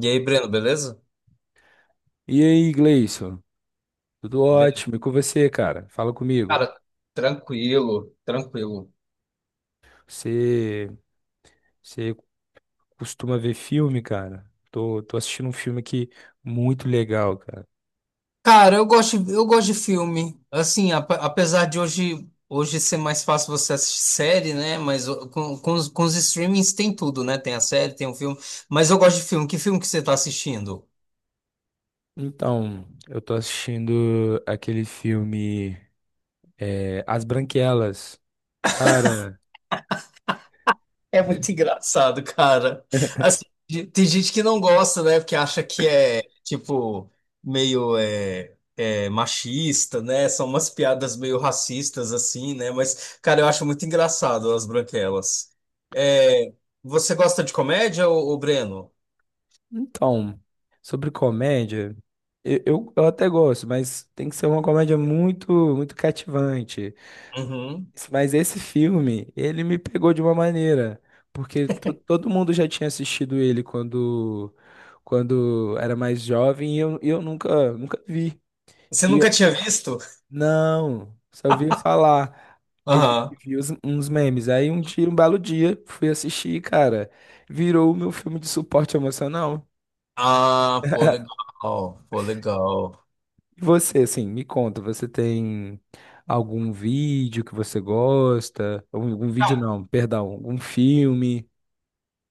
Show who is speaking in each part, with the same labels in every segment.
Speaker 1: E aí, Breno, beleza?
Speaker 2: E aí, Gleison? Tudo ótimo? E
Speaker 1: Beleza.
Speaker 2: com você, cara? Fala comigo.
Speaker 1: Cara, tranquilo, tranquilo.
Speaker 2: Você, você costuma ver filme, cara? Tô assistindo um filme aqui muito legal, cara.
Speaker 1: Cara, eu gosto de filme. Assim, apesar de hoje ser mais fácil você assistir série, né? Mas com os streamings tem tudo, né? Tem a série, tem o filme. Mas eu gosto de filme. Que filme que você tá assistindo?
Speaker 2: Então, eu tô assistindo aquele filme As Branquelas. Cara,
Speaker 1: É muito engraçado, cara. Assim, tem gente que não gosta, né? Porque acha que é, tipo, meio machista, né? São umas piadas meio racistas, assim, né? Mas, cara, eu acho muito engraçado as branquelas. É, você gosta de comédia, ô Breno?
Speaker 2: então, sobre comédia, eu até gosto, mas tem que ser uma comédia muito, muito cativante.
Speaker 1: Uhum.
Speaker 2: Mas esse filme, ele me pegou de uma maneira, porque todo mundo já tinha assistido ele quando era mais jovem e eu nunca vi.
Speaker 1: Você
Speaker 2: E
Speaker 1: nunca tinha visto?
Speaker 2: não, só vi falar. Aí vi,
Speaker 1: Aham.
Speaker 2: uns memes. Aí um dia, um belo dia, fui assistir, cara, virou o meu filme de suporte emocional.
Speaker 1: Ah, pô, legal. Pô, legal.
Speaker 2: E você, assim, me conta, você tem algum vídeo que você gosta? Algum vídeo não, perdão, algum filme?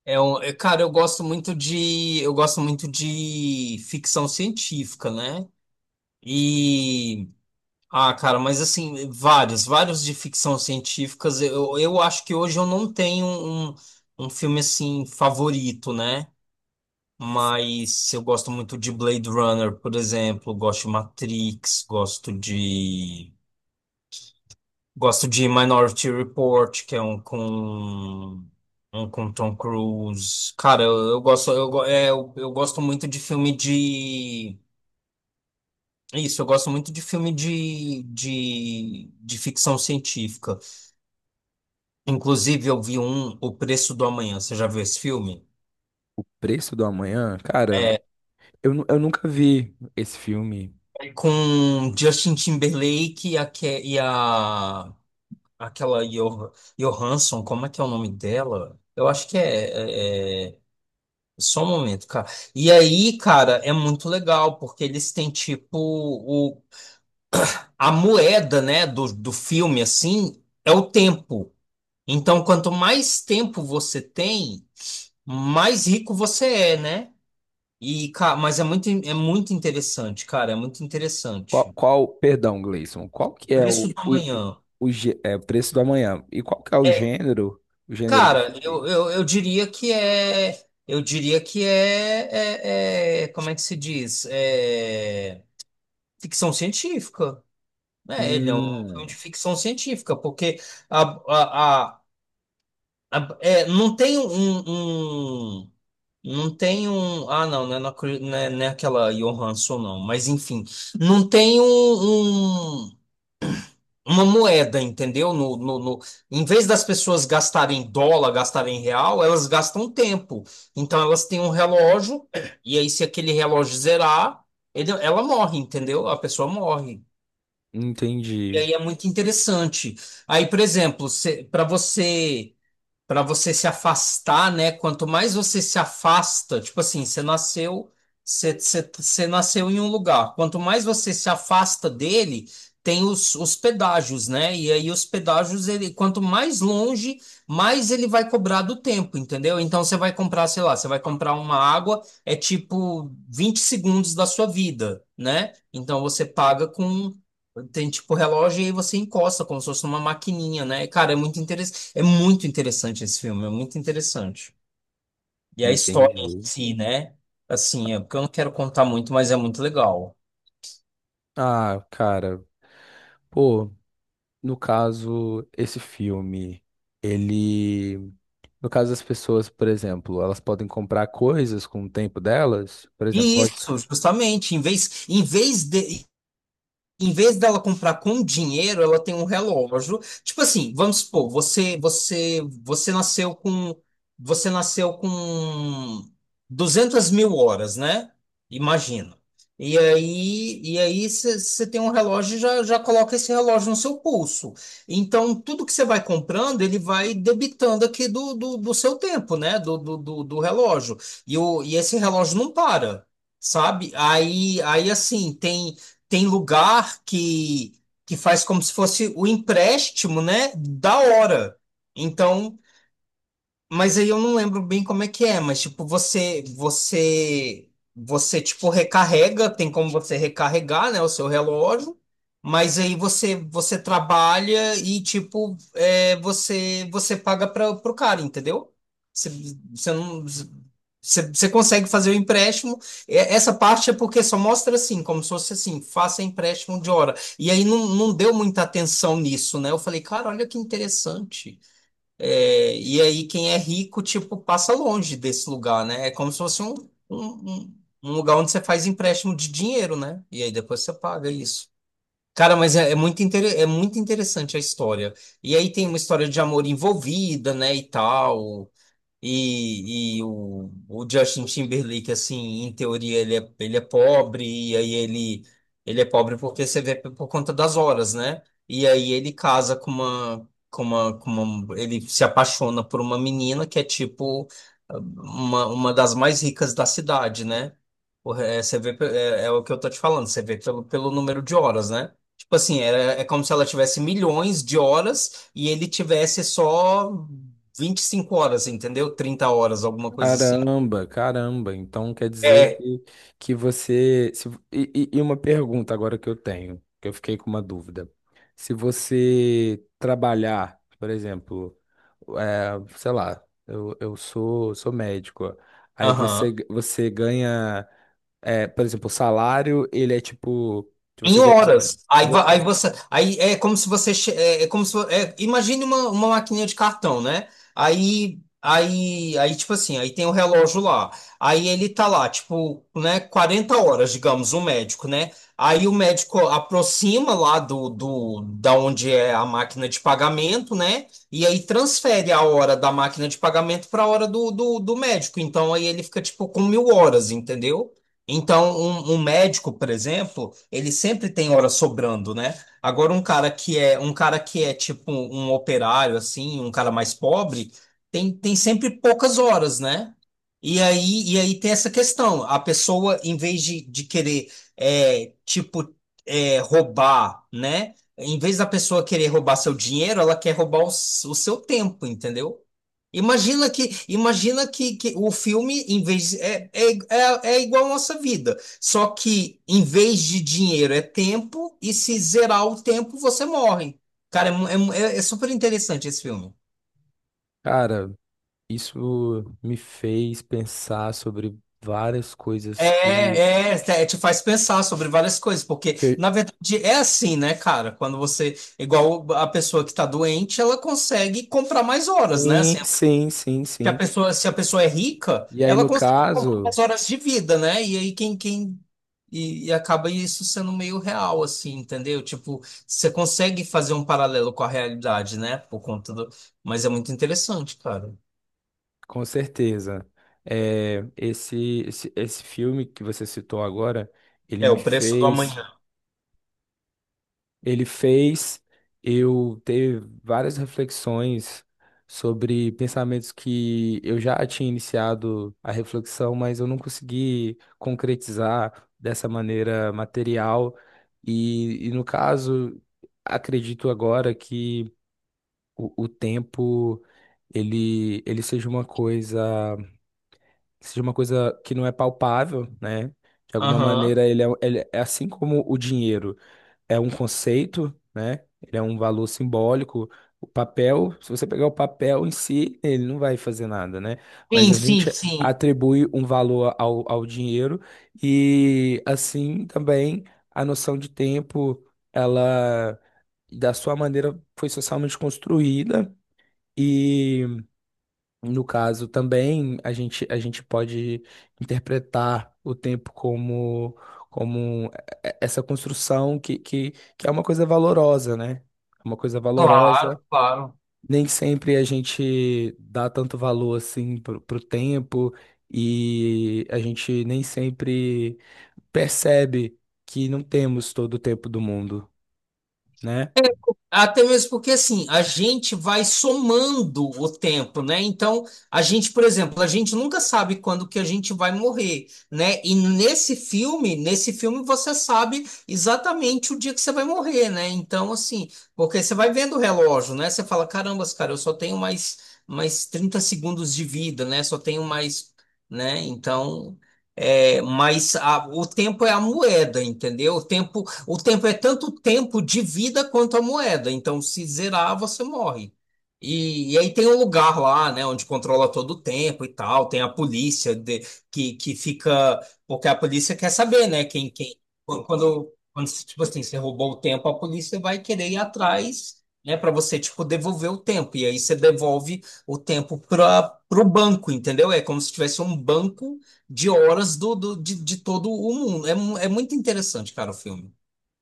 Speaker 1: Cara, eu gosto muito de ficção científica, né? E Cara, mas assim, vários de ficção científicas. Eu acho que hoje eu não tenho um filme assim favorito, né? Mas eu gosto muito de Blade Runner, por exemplo, gosto de Matrix, gosto de Minority Report, que é um com Tom Cruise. Cara, eu gosto muito de filme de. É isso, eu gosto muito de filme de ficção científica. Inclusive, eu vi O Preço do Amanhã. Você já viu esse filme?
Speaker 2: Preço do Amanhã? Cara,
Speaker 1: É,
Speaker 2: eu nunca vi esse filme.
Speaker 1: é com Justin Timberlake e a, Ke- e a- aquela Johansson, como é que é o nome dela? Eu acho que é- é- Só um momento, cara. E aí, cara, é muito legal, porque eles têm tipo a moeda, né, do filme, assim, é o tempo. Então, quanto mais tempo você tem, mais rico você é, né? E, cara, mas é muito interessante, cara, é muito
Speaker 2: Qual,
Speaker 1: interessante.
Speaker 2: qual, perdão, Gleison, qual que é
Speaker 1: Preço
Speaker 2: o,
Speaker 1: do Amanhã.
Speaker 2: Preço do Amanhã? E qual que é
Speaker 1: É,
Speaker 2: o gênero do
Speaker 1: cara,
Speaker 2: filme?
Speaker 1: eu diria que é. Eu diria que é, como é que se diz? É, ficção científica. É, ele é um filme de
Speaker 2: Hum,
Speaker 1: ficção científica, porque a, a, a, não tem um- não tem um. Ah, não, não é, na Cru- não é, não é aquela Johansson, não. Mas, enfim, não tem um- uma moeda, entendeu? Em vez das pessoas gastarem dólar, gastarem real, elas gastam tempo. Então, elas têm um relógio, e aí, se aquele relógio zerar, ela morre, entendeu? A pessoa morre. E
Speaker 2: entendi,
Speaker 1: aí é muito interessante. Aí, por exemplo, para você para você se afastar, né? Quanto mais você se afasta, tipo assim, você nasceu em um lugar. Quanto mais você se afasta dele, tem os pedágios, né? E aí os pedágios, ele, quanto mais longe, mais ele vai cobrar do tempo, entendeu? Então você vai comprar, sei lá, você vai comprar uma água, é tipo 20 segundos da sua vida, né? Então você paga com. Tem tipo relógio e aí você encosta como se fosse uma maquininha, né? Cara, é muito interessante esse filme, é muito interessante. E a história
Speaker 2: entendi.
Speaker 1: em si, né? Assim, é porque eu não quero contar muito, mas é muito legal.
Speaker 2: Ah, cara, pô, no caso, esse filme, ele, no caso das pessoas, por exemplo, elas podem comprar coisas com o tempo delas, por exemplo,
Speaker 1: E
Speaker 2: pode.
Speaker 1: isso, justamente, em vez dela comprar com dinheiro, ela tem um relógio. Tipo assim, vamos supor, você nasceu com 200 mil horas, né? Imagina. E aí você tem um relógio e já já coloca esse relógio no seu pulso. Então tudo que você vai comprando, ele vai debitando aqui do seu tempo, né? Do relógio. E esse relógio não para. Sabe? Aí assim, tem lugar que faz como se fosse o empréstimo, né? Da hora. Então mas aí eu não lembro bem como é que é, mas tipo, você tipo recarrega, tem como você recarregar, né, o seu relógio, mas aí você trabalha e tipo, você paga para pro cara, entendeu? Você, você não, você consegue fazer o empréstimo. E essa parte é porque só mostra assim, como se fosse assim, faça empréstimo de hora. E aí não deu muita atenção nisso, né? Eu falei, cara, olha que interessante. É, e aí quem é rico, tipo, passa longe desse lugar, né? É como se fosse um, um- um lugar onde você faz empréstimo de dinheiro, né? E aí depois você paga isso. Cara, mas é muito interessante a história. E aí tem uma história de amor envolvida, né, e tal. E o Justin Timberlake, assim, em teoria, ele é pobre, e aí ele é pobre porque você vê por conta das horas, né? E aí ele casa ele se apaixona por uma menina que é tipo uma das mais ricas da cidade, né? O re- é, Você vê, pe- é, é o que eu tô te falando, você vê pelo número de horas, né? Tipo assim, é como se ela tivesse milhões de horas e ele tivesse só 25 horas, entendeu? 30 horas, alguma coisa assim.
Speaker 2: Caramba, caramba. Então quer dizer
Speaker 1: É,
Speaker 2: que você. Se- e uma pergunta agora que eu tenho, que eu fiquei com uma dúvida. Se você trabalhar, por exemplo, sei lá, sou médico, aí
Speaker 1: aham.
Speaker 2: você ganha, por exemplo, o salário, ele é tipo. Se
Speaker 1: Em
Speaker 2: você ganha,
Speaker 1: horas.
Speaker 2: se
Speaker 1: Aí,
Speaker 2: vo-
Speaker 1: va- aí você, aí é como se você, che- é, é como se, imagine uma maquininha de cartão, né? Aí tipo assim, aí tem o relógio lá. Aí ele tá lá, tipo, né, 40 horas, digamos, o médico, né? Aí o médico aproxima lá do, do da onde é a máquina de pagamento, né? E aí transfere a hora da máquina de pagamento para a hora do médico. Então aí ele fica tipo com mil horas, entendeu? Então, um médico, por exemplo, ele sempre tem hora sobrando, né? Agora, um cara que é tipo um operário, assim, um cara mais pobre, tem sempre poucas horas, né? E aí tem essa questão. A pessoa, em vez de querer, tipo, roubar, né? Em vez da pessoa querer roubar seu dinheiro, ela quer roubar o seu tempo, entendeu? Imagina que o filme, em vez de- é, é, é, é igual à nossa vida. Só que em vez de dinheiro é tempo, e se zerar o tempo, você morre. Cara, é super interessante esse filme.
Speaker 2: cara, isso me fez pensar sobre várias coisas que.
Speaker 1: Te faz pensar sobre várias coisas, porque
Speaker 2: Que
Speaker 1: na verdade é assim, né, cara? Quando você, igual a pessoa que tá doente, ela consegue comprar mais horas, né? Assim,
Speaker 2: Sim, sim, sim,
Speaker 1: que a
Speaker 2: sim.
Speaker 1: pessoa, se a pessoa é rica,
Speaker 2: E aí,
Speaker 1: ela
Speaker 2: no
Speaker 1: consegue comprar
Speaker 2: caso,
Speaker 1: umas horas de vida, né? E aí quem, quem e acaba isso sendo meio real, assim, entendeu? Tipo, você consegue fazer um paralelo com a realidade, né? Por conta do. Mas é muito interessante, cara.
Speaker 2: com certeza, esse filme que você citou agora, ele
Speaker 1: É
Speaker 2: me
Speaker 1: o Preço do
Speaker 2: fez,
Speaker 1: Amanhã.
Speaker 2: ele fez eu ter várias reflexões sobre pensamentos que eu já tinha iniciado a reflexão, mas eu não consegui concretizar dessa maneira material. No caso, acredito agora que o tempo ele seja uma coisa, seja uma coisa que não é palpável, né? De alguma
Speaker 1: Aham.
Speaker 2: maneira ele é assim como o dinheiro é um conceito, né? Ele é um valor simbólico. O papel, se você pegar o papel em si, ele não vai fazer nada, né? Mas
Speaker 1: Sim,
Speaker 2: a
Speaker 1: sim,
Speaker 2: gente
Speaker 1: sim.
Speaker 2: atribui um valor ao dinheiro e assim também a noção de tempo, ela da sua maneira foi socialmente construída e no caso também a gente pode interpretar o tempo como, como essa construção que é uma coisa valorosa, né? É uma coisa valorosa.
Speaker 1: Claro, claro.
Speaker 2: Nem sempre a gente dá tanto valor assim pro tempo e a gente nem sempre percebe que não temos todo o tempo do mundo, né?
Speaker 1: É, Até mesmo porque assim, a gente vai somando o tempo, né? Então, a gente, por exemplo, a gente nunca sabe quando que a gente vai morrer, né? E nesse filme você sabe exatamente o dia que você vai morrer, né? Então, assim, porque você vai vendo o relógio, né? Você fala, caramba cara, eu só tenho mais 30 segundos de vida, né? Só tenho mais, né? Então, o tempo é a moeda, entendeu? O tempo é tanto tempo de vida quanto a moeda. Então, se zerar, você morre. E aí tem um lugar lá, né, onde controla todo o tempo e tal. Tem a polícia que fica, porque a polícia quer saber, né, quando, tipo assim, você roubou o tempo, a polícia vai querer ir atrás, né, para você, tipo, devolver o tempo. E aí você devolve o tempo para o banco, entendeu? É como se tivesse um banco de horas de todo o mundo. É muito interessante, cara, o filme.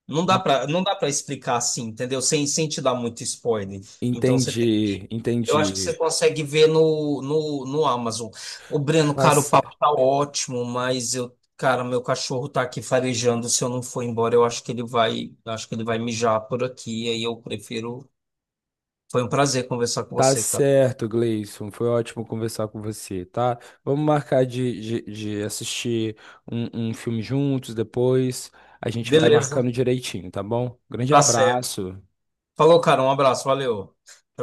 Speaker 1: Não dá
Speaker 2: En-
Speaker 1: pra, não dá para explicar assim, entendeu? Sem te dar muito spoiler. Então
Speaker 2: Entendi,
Speaker 1: eu acho que você
Speaker 2: entendi.
Speaker 1: consegue ver no Amazon. O Breno,
Speaker 2: Tá.
Speaker 1: cara, o papo tá ótimo, mas eu, cara, meu cachorro tá aqui farejando. Se eu não for embora, eu acho que ele vai mijar por aqui. Aí eu prefiro. Foi um prazer conversar com
Speaker 2: Tá
Speaker 1: você, cara.
Speaker 2: certo, Gleison. Foi ótimo conversar com você, tá? Vamos marcar de assistir um filme juntos depois. A gente vai marcando
Speaker 1: Beleza,
Speaker 2: direitinho, tá bom? Grande
Speaker 1: tá certo.
Speaker 2: abraço.
Speaker 1: Falou, cara, um abraço, valeu. Tchau, tchau.